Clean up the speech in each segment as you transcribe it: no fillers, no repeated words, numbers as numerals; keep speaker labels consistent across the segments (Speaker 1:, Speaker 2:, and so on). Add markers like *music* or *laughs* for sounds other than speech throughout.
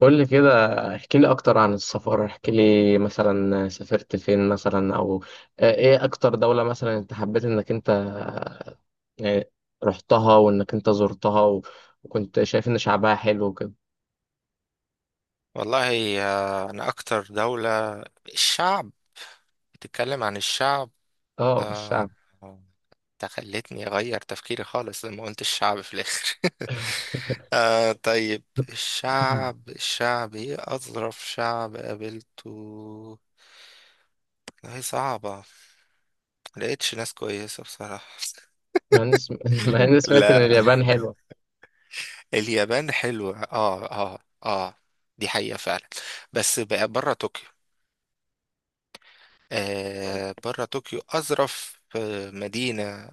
Speaker 1: قول لي كده. احكي لي اكتر عن السفر، احكي لي مثلا سافرت فين مثلا او ايه اكتر دولة مثلا انت حبيت انك انت، يعني رحتها وانك انت زرتها وكنت شايف ان شعبها حلو وكده.
Speaker 2: والله أنا أكتر دولة. الشعب؟ بتتكلم عن الشعب؟
Speaker 1: اه،
Speaker 2: آه،
Speaker 1: الشعب.
Speaker 2: ده خلتني أغير تفكيري خالص لما قلت الشعب في الآخر.
Speaker 1: *laughs*
Speaker 2: *laughs* آه، طيب الشعب، إيه أظرف شعب قابلته؟ والله صعبة. ملقتش ناس كويسة بصراحة.
Speaker 1: مع اني *laughs* مع
Speaker 2: *laughs*
Speaker 1: اني سمعت ان
Speaker 2: لا.
Speaker 1: اليابان حلوة. *laughs*
Speaker 2: اليابان حلوة. اه، اه، اه، دي حقيقة فعلا. بس بقى بره طوكيو. بره طوكيو أظرف مدينة.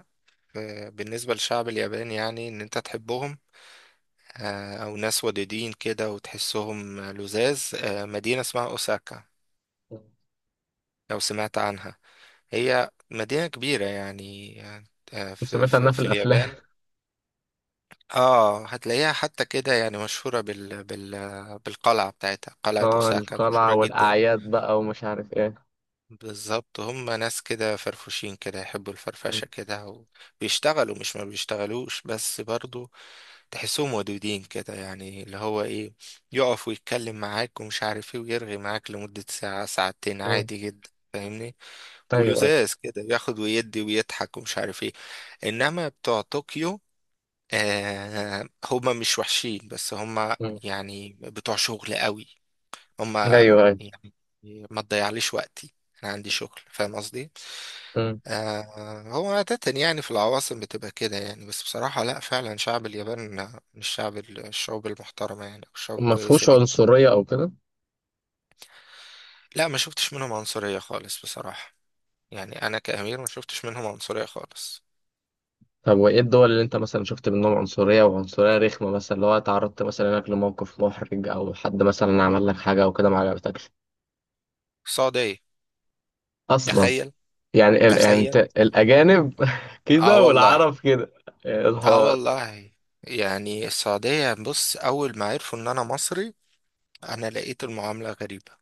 Speaker 2: بالنسبة للشعب الياباني، يعني إن أنت تحبهم. أو ناس ودودين كده وتحسهم لزاز. مدينة اسمها أوساكا، لو سمعت عنها. هي مدينة كبيرة يعني. في,
Speaker 1: سمعت عنها
Speaker 2: في,
Speaker 1: في
Speaker 2: في
Speaker 1: الافلام.
Speaker 2: اليابان. اه، هتلاقيها حتى كده يعني مشهورة بالقلعة بتاعتها.
Speaker 1: *laughs*
Speaker 2: قلعة
Speaker 1: اه،
Speaker 2: أوساكا
Speaker 1: القلعة
Speaker 2: مشهورة جدا.
Speaker 1: والاعياد بقى ومش عارف ايه.
Speaker 2: بالظبط، هم ناس كده فرفوشين كده، يحبوا الفرفشة
Speaker 1: م-
Speaker 2: كده. وبيشتغلوا، مش ما بيشتغلوش، بس برضو تحسهم ودودين كده، يعني اللي هو ايه، يقف ويتكلم معاك ومش عارف ايه، ويرغي معاك لمدة ساعة ساعتين
Speaker 1: م.
Speaker 2: عادي جدا. فاهمني؟
Speaker 1: ايوه، ايوه.
Speaker 2: ولزاز كده، بياخد ويدي ويضحك ومش عارف ايه. انما بتوع طوكيو، آه، هما مش وحشين، بس هما
Speaker 1: م.
Speaker 2: يعني بتوع شغل قوي.
Speaker 1: ايوه،
Speaker 2: هما
Speaker 1: ايوه.
Speaker 2: يعني ما تضيعليش وقتي، انا عندي شغل. فاهم قصدي؟
Speaker 1: م.
Speaker 2: آه، هو عادة يعني في العواصم بتبقى كده يعني. بس بصراحة لا، فعلا شعب اليابان من الشعوب المحترمة، يعني الشعوب
Speaker 1: ما
Speaker 2: الكويسة
Speaker 1: فيهوش
Speaker 2: جدا.
Speaker 1: عنصرية او كده؟
Speaker 2: لا، ما شفتش منهم عنصرية خالص بصراحة. يعني انا كأمير ما شفتش منهم عنصرية خالص.
Speaker 1: طب وايه الدول اللي انت مثلا شفت منهم عنصرية وعنصرية رخمة، مثلا لو اتعرضت مثلا انك لموقف محرج او حد مثلا عمل لك حاجة او كده ما عجبتكش
Speaker 2: السعودية.
Speaker 1: اصلا؟
Speaker 2: تخيل.
Speaker 1: يعني يعني انت
Speaker 2: تخيل.
Speaker 1: الاجانب *laughs*
Speaker 2: اه
Speaker 1: كده
Speaker 2: والله.
Speaker 1: والعرب كده. يا
Speaker 2: اه
Speaker 1: نهار.
Speaker 2: والله. يعني السعودية، بص، اول ما عرفوا ان انا مصري انا لقيت المعاملة غريبة.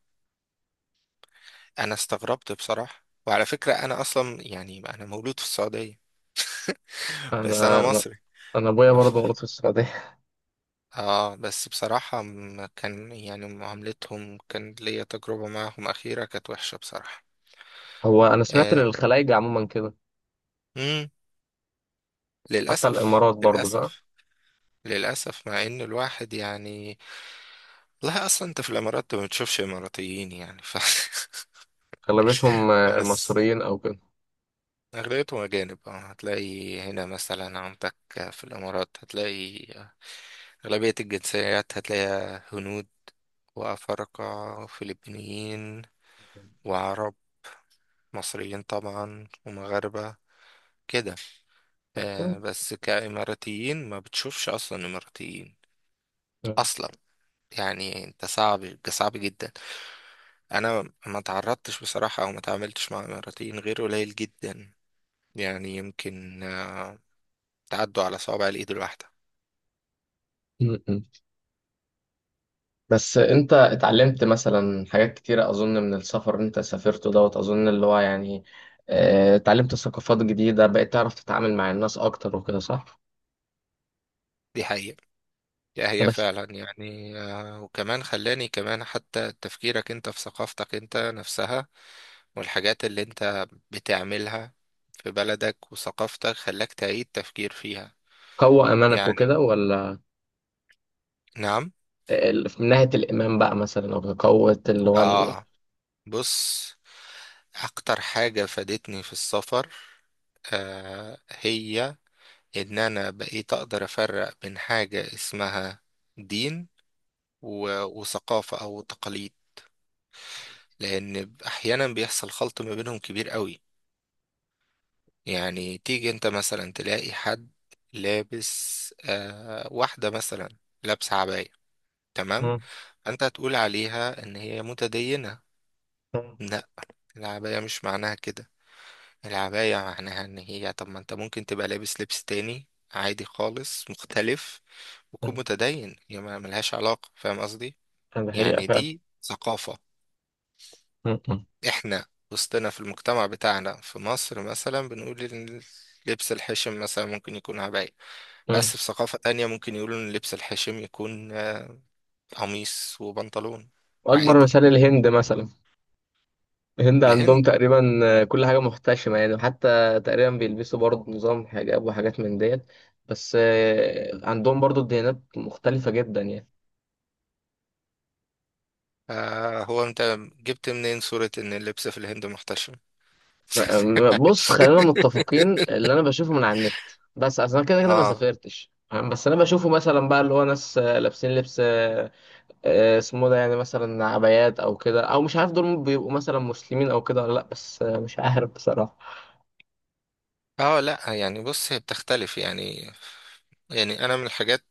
Speaker 2: انا استغربت بصراحة. وعلى فكرة، انا اصلا يعني انا مولود في السعودية. *laughs* بس انا
Speaker 1: انا انا
Speaker 2: مصري.
Speaker 1: أنا ابويا برضه مولود في السعودية.
Speaker 2: اه، بس بصراحة كان يعني معاملتهم، كان ليا تجربة معهم أخيرة كانت وحشة بصراحة.
Speaker 1: *laughs* هو انا سمعت ان
Speaker 2: آه.
Speaker 1: الخلايجة عموما كده.
Speaker 2: مم.
Speaker 1: حتى
Speaker 2: للأسف.
Speaker 1: الامارات برضه صح؟
Speaker 2: للأسف. للأسف، مع إن الواحد يعني. لا أصلا أنت في الإمارات ما بتشوفش إماراتيين، يعني ف... *laughs*
Speaker 1: اغلبيتهم
Speaker 2: بس
Speaker 1: مصريين او كده.
Speaker 2: أغلبيتهم أجانب. آه، هتلاقي هنا مثلا عندك، في الإمارات هتلاقي أغلبية الجنسيات هتلاقيها هنود وأفارقة وفلبينيين وعرب، مصريين طبعا ومغاربة كده.
Speaker 1: طب
Speaker 2: آه،
Speaker 1: كويس.
Speaker 2: بس كإماراتيين ما بتشوفش أصلا إماراتيين أصلا. يعني انت، صعب صعب جدا، انا ما تعرضتش بصراحة او ما تعاملتش مع اماراتيين غير قليل جدا. يعني يمكن تعدوا على صوابع الايد الواحدة.
Speaker 1: *laughs* بس انت اتعلمت مثلا حاجات كتيرة اظن من السفر اللي انت سافرته دوت، اظن اللي هو يعني اه، اتعلمت ثقافات جديدة بقيت تعرف تتعامل مع الناس اكتر وكده، صح؟
Speaker 2: دي حقيقة. لا هي
Speaker 1: بس
Speaker 2: فعلا يعني، وكمان خلاني كمان حتى تفكيرك انت في ثقافتك انت نفسها والحاجات اللي انت بتعملها في بلدك وثقافتك خلاك تعيد تفكير فيها.
Speaker 1: قوة امانك
Speaker 2: يعني
Speaker 1: وكده ولا؟
Speaker 2: نعم.
Speaker 1: من ناحية الامام بقى مثلا او قوة اللي هو
Speaker 2: اه، بص، اكتر حاجة فادتني في السفر هي ان انا بقيت اقدر افرق بين حاجة اسمها دين وثقافة او تقاليد، لان احيانا بيحصل خلط ما بينهم كبير قوي. يعني تيجي انت مثلا تلاقي حد لابس، واحدة مثلا لابسة عباية، تمام.
Speaker 1: مم.
Speaker 2: انت هتقول عليها ان هي متدينة.
Speaker 1: مم.
Speaker 2: لا، العباية مش معناها كده. العباية معناها ان هي، طب ما انت ممكن تبقى لابس لبس تاني عادي خالص مختلف وتكون
Speaker 1: مم.
Speaker 2: متدين. هي ما ملهاش علاقة. فاهم قصدي؟
Speaker 1: ده حقيقة
Speaker 2: يعني
Speaker 1: فعلا.
Speaker 2: دي ثقافة.
Speaker 1: مم. مم.
Speaker 2: احنا وسطنا في المجتمع بتاعنا في مصر مثلا، بنقول إن لبس الحشم مثلا ممكن يكون عباية.
Speaker 1: مم.
Speaker 2: بس في ثقافة تانية ممكن يقولوا إن اللبس الحشيم يكون قميص وبنطلون
Speaker 1: واكبر
Speaker 2: عادي.
Speaker 1: مثال الهند مثلا. الهند عندهم
Speaker 2: الهند.
Speaker 1: تقريبا كل حاجة محتشمة يعني. وحتى تقريبا بيلبسوا برضه نظام حجاب وحاجات من ديت، بس عندهم برضه الديانات مختلفة جدا يعني.
Speaker 2: آه، هو أنت جبت منين صورة إن اللبس في الهند محتشم؟
Speaker 1: بص، خلينا متفقين
Speaker 2: *laughs*
Speaker 1: اللي أنا بشوفه من على النت. بس أصل أنا كده كده ما
Speaker 2: آه.
Speaker 1: سافرتش، فاهم؟ بس أنا بشوفه مثلا بقى اللي هو ناس لابسين لبس، اسمه ده يعني مثلا عبايات أو كده، أو مش عارف دول بيبقوا مثلا مسلمين أو كده ولا لأ، بس مش عارف بصراحة.
Speaker 2: آه. لأ، يعني بص، هي بتختلف يعني. يعني أنا من الحاجات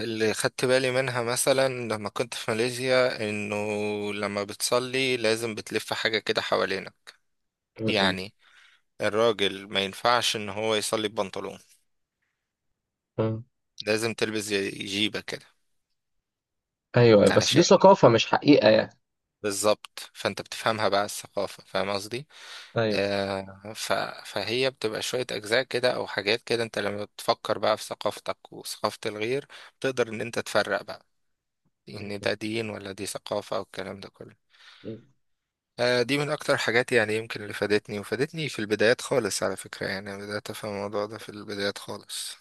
Speaker 2: اللي خدت بالي منها مثلا لما كنت في ماليزيا، إنه لما بتصلي لازم بتلف حاجة كده حوالينا.
Speaker 1: م-
Speaker 2: يعني الراجل ما ينفعش إن هو يصلي ببنطلون،
Speaker 1: م.
Speaker 2: لازم تلبس زي جيبة كده
Speaker 1: أيوه، بس دي
Speaker 2: علشان.
Speaker 1: ثقافة مش حقيقة يعني.
Speaker 2: بالظبط، فانت بتفهمها بقى الثقافة. فاهم قصدي؟ آه ف... فهي بتبقى شوية أجزاء كده أو حاجات كده. انت لما بتفكر بقى في ثقافتك وثقافة الغير، بتقدر ان انت تفرق بقى ان ده
Speaker 1: أيوه.
Speaker 2: دين ولا دي ثقافة، او الكلام ده كله. دي من أكتر حاجات يعني يمكن اللي فادتني، وفادتني في البدايات خالص على فكرة. يعني أنا بدأت أفهم الموضوع ده في البدايات خالص.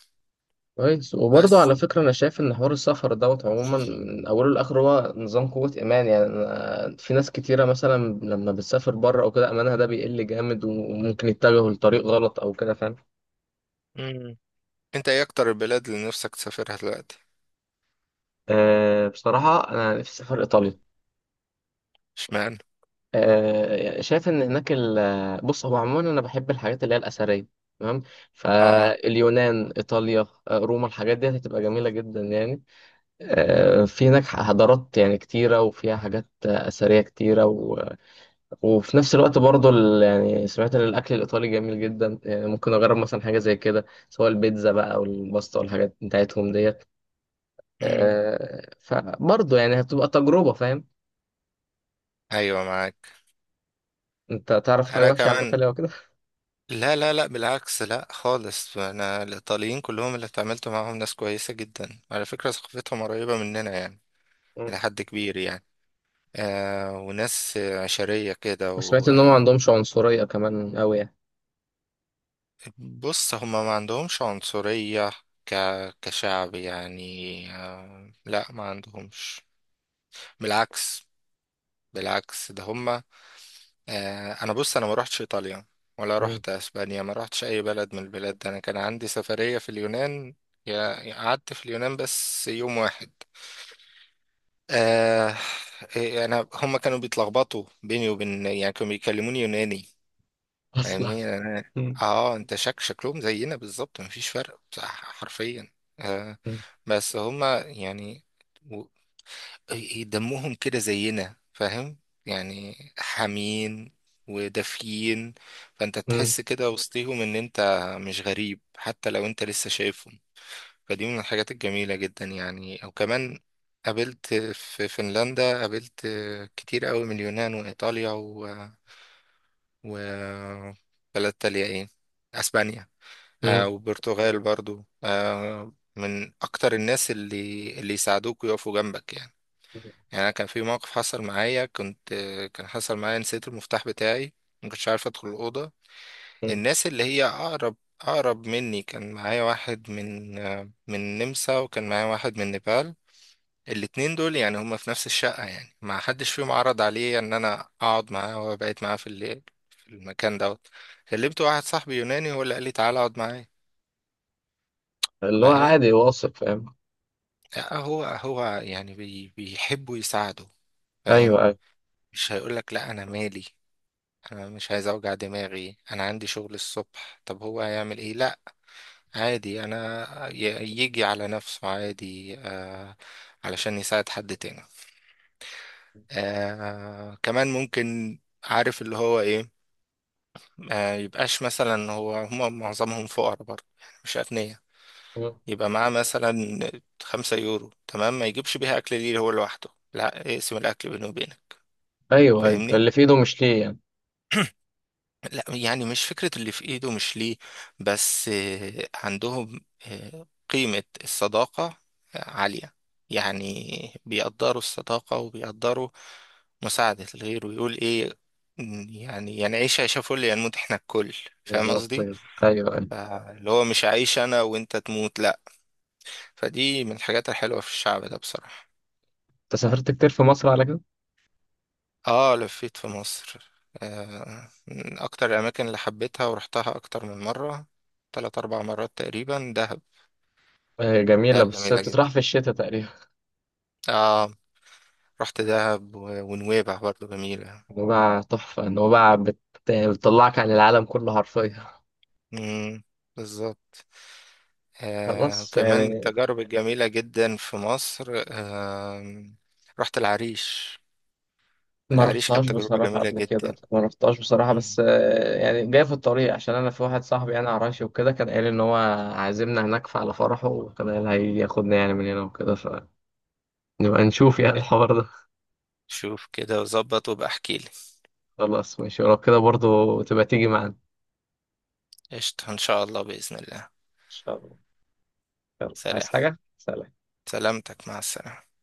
Speaker 1: كويس. وبرضه
Speaker 2: بس.
Speaker 1: على فكرة أنا شايف إن حوار السفر دوت عموما من أوله لآخره هو نظام قوة إيمان، يعني في ناس كتيرة مثلا لما بتسافر بره أو كده إيمانها ده بيقل جامد، وممكن يتجهوا لطريق غلط أو كده، فاهم؟
Speaker 2: مم. انت ايه أكتر البلاد اللي نفسك تسافرها دلوقتي؟
Speaker 1: أه، بصراحة أنا نفسي أسافر إيطاليا.
Speaker 2: اشمعنى؟
Speaker 1: أه، شايف إن هناك بص، هو عموما أنا بحب الحاجات اللي هي الأثرية. تمام.
Speaker 2: اه،
Speaker 1: فاليونان، إيطاليا، روما، الحاجات دي هتبقى جميلة جدا يعني. في هناك حضارات يعني كتيرة، وفيها حاجات أثرية كتيرة. وفي نفس الوقت برضه يعني سمعت ان الاكل الايطالي جميل جدا يعني، ممكن اجرب مثلا حاجه زي كده، سواء البيتزا بقى او الباستا والحاجات بتاعتهم ديت. فبرضه يعني هتبقى تجربه، فاهم؟
Speaker 2: ايوه معاك.
Speaker 1: انت تعرف حاجه
Speaker 2: انا
Speaker 1: وحشه عن
Speaker 2: كمان،
Speaker 1: ايطاليا وكده؟
Speaker 2: لا لا لا، بالعكس، لا خالص. انا الايطاليين كلهم اللي اتعاملت معاهم ناس كويسه جدا على فكره. ثقافتهم قريبه مننا يعني، الى
Speaker 1: مم.
Speaker 2: حد كبير يعني. وناس عشريه كده
Speaker 1: وسمعت
Speaker 2: و...
Speaker 1: ان هم ما عندهمش عنصريه كمان قوي يعني.
Speaker 2: بص، هما ما عندهمش عنصريه ك... كشعب يعني. آه لا، ما عندهمش. بالعكس. بالعكس ده هما. انا بص، انا ما روحتش ايطاليا ولا
Speaker 1: مم.
Speaker 2: روحت اسبانيا. ما روحتش اي بلد من البلاد ده. انا كان عندي سفرية في اليونان. يا يا قعدت في اليونان بس يوم واحد. آه إيه، انا هم كانوا بيتلخبطوا بيني وبين يعني، كانوا بيكلموني يوناني.
Speaker 1: اصلا.
Speaker 2: فاهمني؟ أنا-
Speaker 1: مم.
Speaker 2: اه انت شكلهم زينا بالظبط، مفيش فرق، حرفيا. آه
Speaker 1: م-
Speaker 2: بس هم يعني دمهم كده زينا. فاهم؟ يعني حامين ودافيين. فانت
Speaker 1: م-
Speaker 2: تحس كده وسطيهم ان انت مش غريب، حتى لو انت لسه شايفهم. فدي من الحاجات الجميلة جدا. يعني او كمان، قابلت في فنلندا، قابلت كتير قوي من اليونان وايطاليا و... بلد تانية ايه، اسبانيا.
Speaker 1: م-
Speaker 2: وبرتغال برضو. من اكتر الناس اللي يساعدوك ويقفوا جنبك يعني. يعني انا كان في موقف حصل معايا، كنت. كان حصل معايا، نسيت المفتاح بتاعي، ما كنتش عارف ادخل الاوضه.
Speaker 1: م-
Speaker 2: الناس اللي هي اقرب مني، كان معايا واحد من النمسا، وكان معايا واحد من نيبال. الاتنين دول يعني هما في نفس الشقه، يعني ما حدش فيهم عرض عليا ان انا اقعد معاه وبقيت معاه في الليل في المكان دوت. كلمت واحد صاحبي يوناني، هو اللي قال لي تعالى اقعد معايا.
Speaker 1: اللي هو
Speaker 2: فاهم؟
Speaker 1: عادي واثق، فاهم؟
Speaker 2: لا، هو هو يعني بيحبوا يساعدوا.
Speaker 1: ايوه،
Speaker 2: فاهم؟
Speaker 1: ايوه.
Speaker 2: مش هيقولك لا، انا مالي، انا مش عايز اوجع دماغي، انا عندي شغل الصبح، طب هو هيعمل ايه؟ لا، عادي. انا يجي على نفسه عادي. علشان يساعد حد تاني. كمان ممكن، عارف اللي هو ايه. يبقاش مثلا هو، هم معظمهم فقراء برضه يعني مش اغنياء.
Speaker 1: مم.
Speaker 2: يبقى معاه مثلا 5 يورو، تمام، ما يجيبش بيها اكل ليه هو لوحده، لا، اقسم الاكل بينه وبينك.
Speaker 1: ايوه، ايوه.
Speaker 2: فاهمني؟
Speaker 1: اللي في ايده مش ليه يعني.
Speaker 2: لا يعني مش فكرة اللي في ايده مش ليه، بس عندهم قيمة الصداقة عالية. يعني بيقدروا الصداقة وبيقدروا مساعدة الغير. ويقول ايه، يعني، يعني عيش عيش فل ينموت احنا الكل. فاهم
Speaker 1: بالظبط
Speaker 2: قصدي؟
Speaker 1: كده، ايوه، ايوه.
Speaker 2: فاللي هو مش عايش انا وانت تموت لا. فدي من الحاجات الحلوة في الشعب ده بصراحة.
Speaker 1: انت سافرت كتير في مصر على كده؟
Speaker 2: اه، لفيت في مصر. من اكتر الاماكن اللي حبيتها ورحتها اكتر من مره، 3 4 مرات تقريبا، دهب.
Speaker 1: هي جميلة
Speaker 2: دهب حلو،
Speaker 1: بس
Speaker 2: جميله جدا.
Speaker 1: تطرح في الشتاء تقريبا.
Speaker 2: اه، رحت دهب ونويبع برضو جميله.
Speaker 1: نوبة تحفة، نوبة بتطلعك عن العالم كله حرفيا.
Speaker 2: امم. بالظبط.
Speaker 1: خلاص
Speaker 2: وكمان من
Speaker 1: يعني.
Speaker 2: التجارب الجميله جدا في مصر، رحت العريش.
Speaker 1: ما
Speaker 2: العريش
Speaker 1: رحتهاش
Speaker 2: كانت تجربه
Speaker 1: بصراحة
Speaker 2: جميله
Speaker 1: قبل كده،
Speaker 2: جدا.
Speaker 1: ما رحتهاش بصراحة، بس
Speaker 2: مم.
Speaker 1: يعني جاي في الطريق، عشان أنا في واحد صاحبي أنا عراشي وكده، كان قال إن هو عازمنا هناك على فرحه، وكان قال هياخدنا يعني من هنا وكده، فنبقى نشوف يعني الحوار ده.
Speaker 2: شوف كده وظبط وابقى احكيلي.
Speaker 1: خلاص ماشي، ولو كده برضو تبقى تيجي معانا إن
Speaker 2: قشطة ان شاء الله، باذن الله.
Speaker 1: شاء الله. يلا،
Speaker 2: سلام.
Speaker 1: عايز حاجة؟ سلام.
Speaker 2: سلامتك، مع السلامه.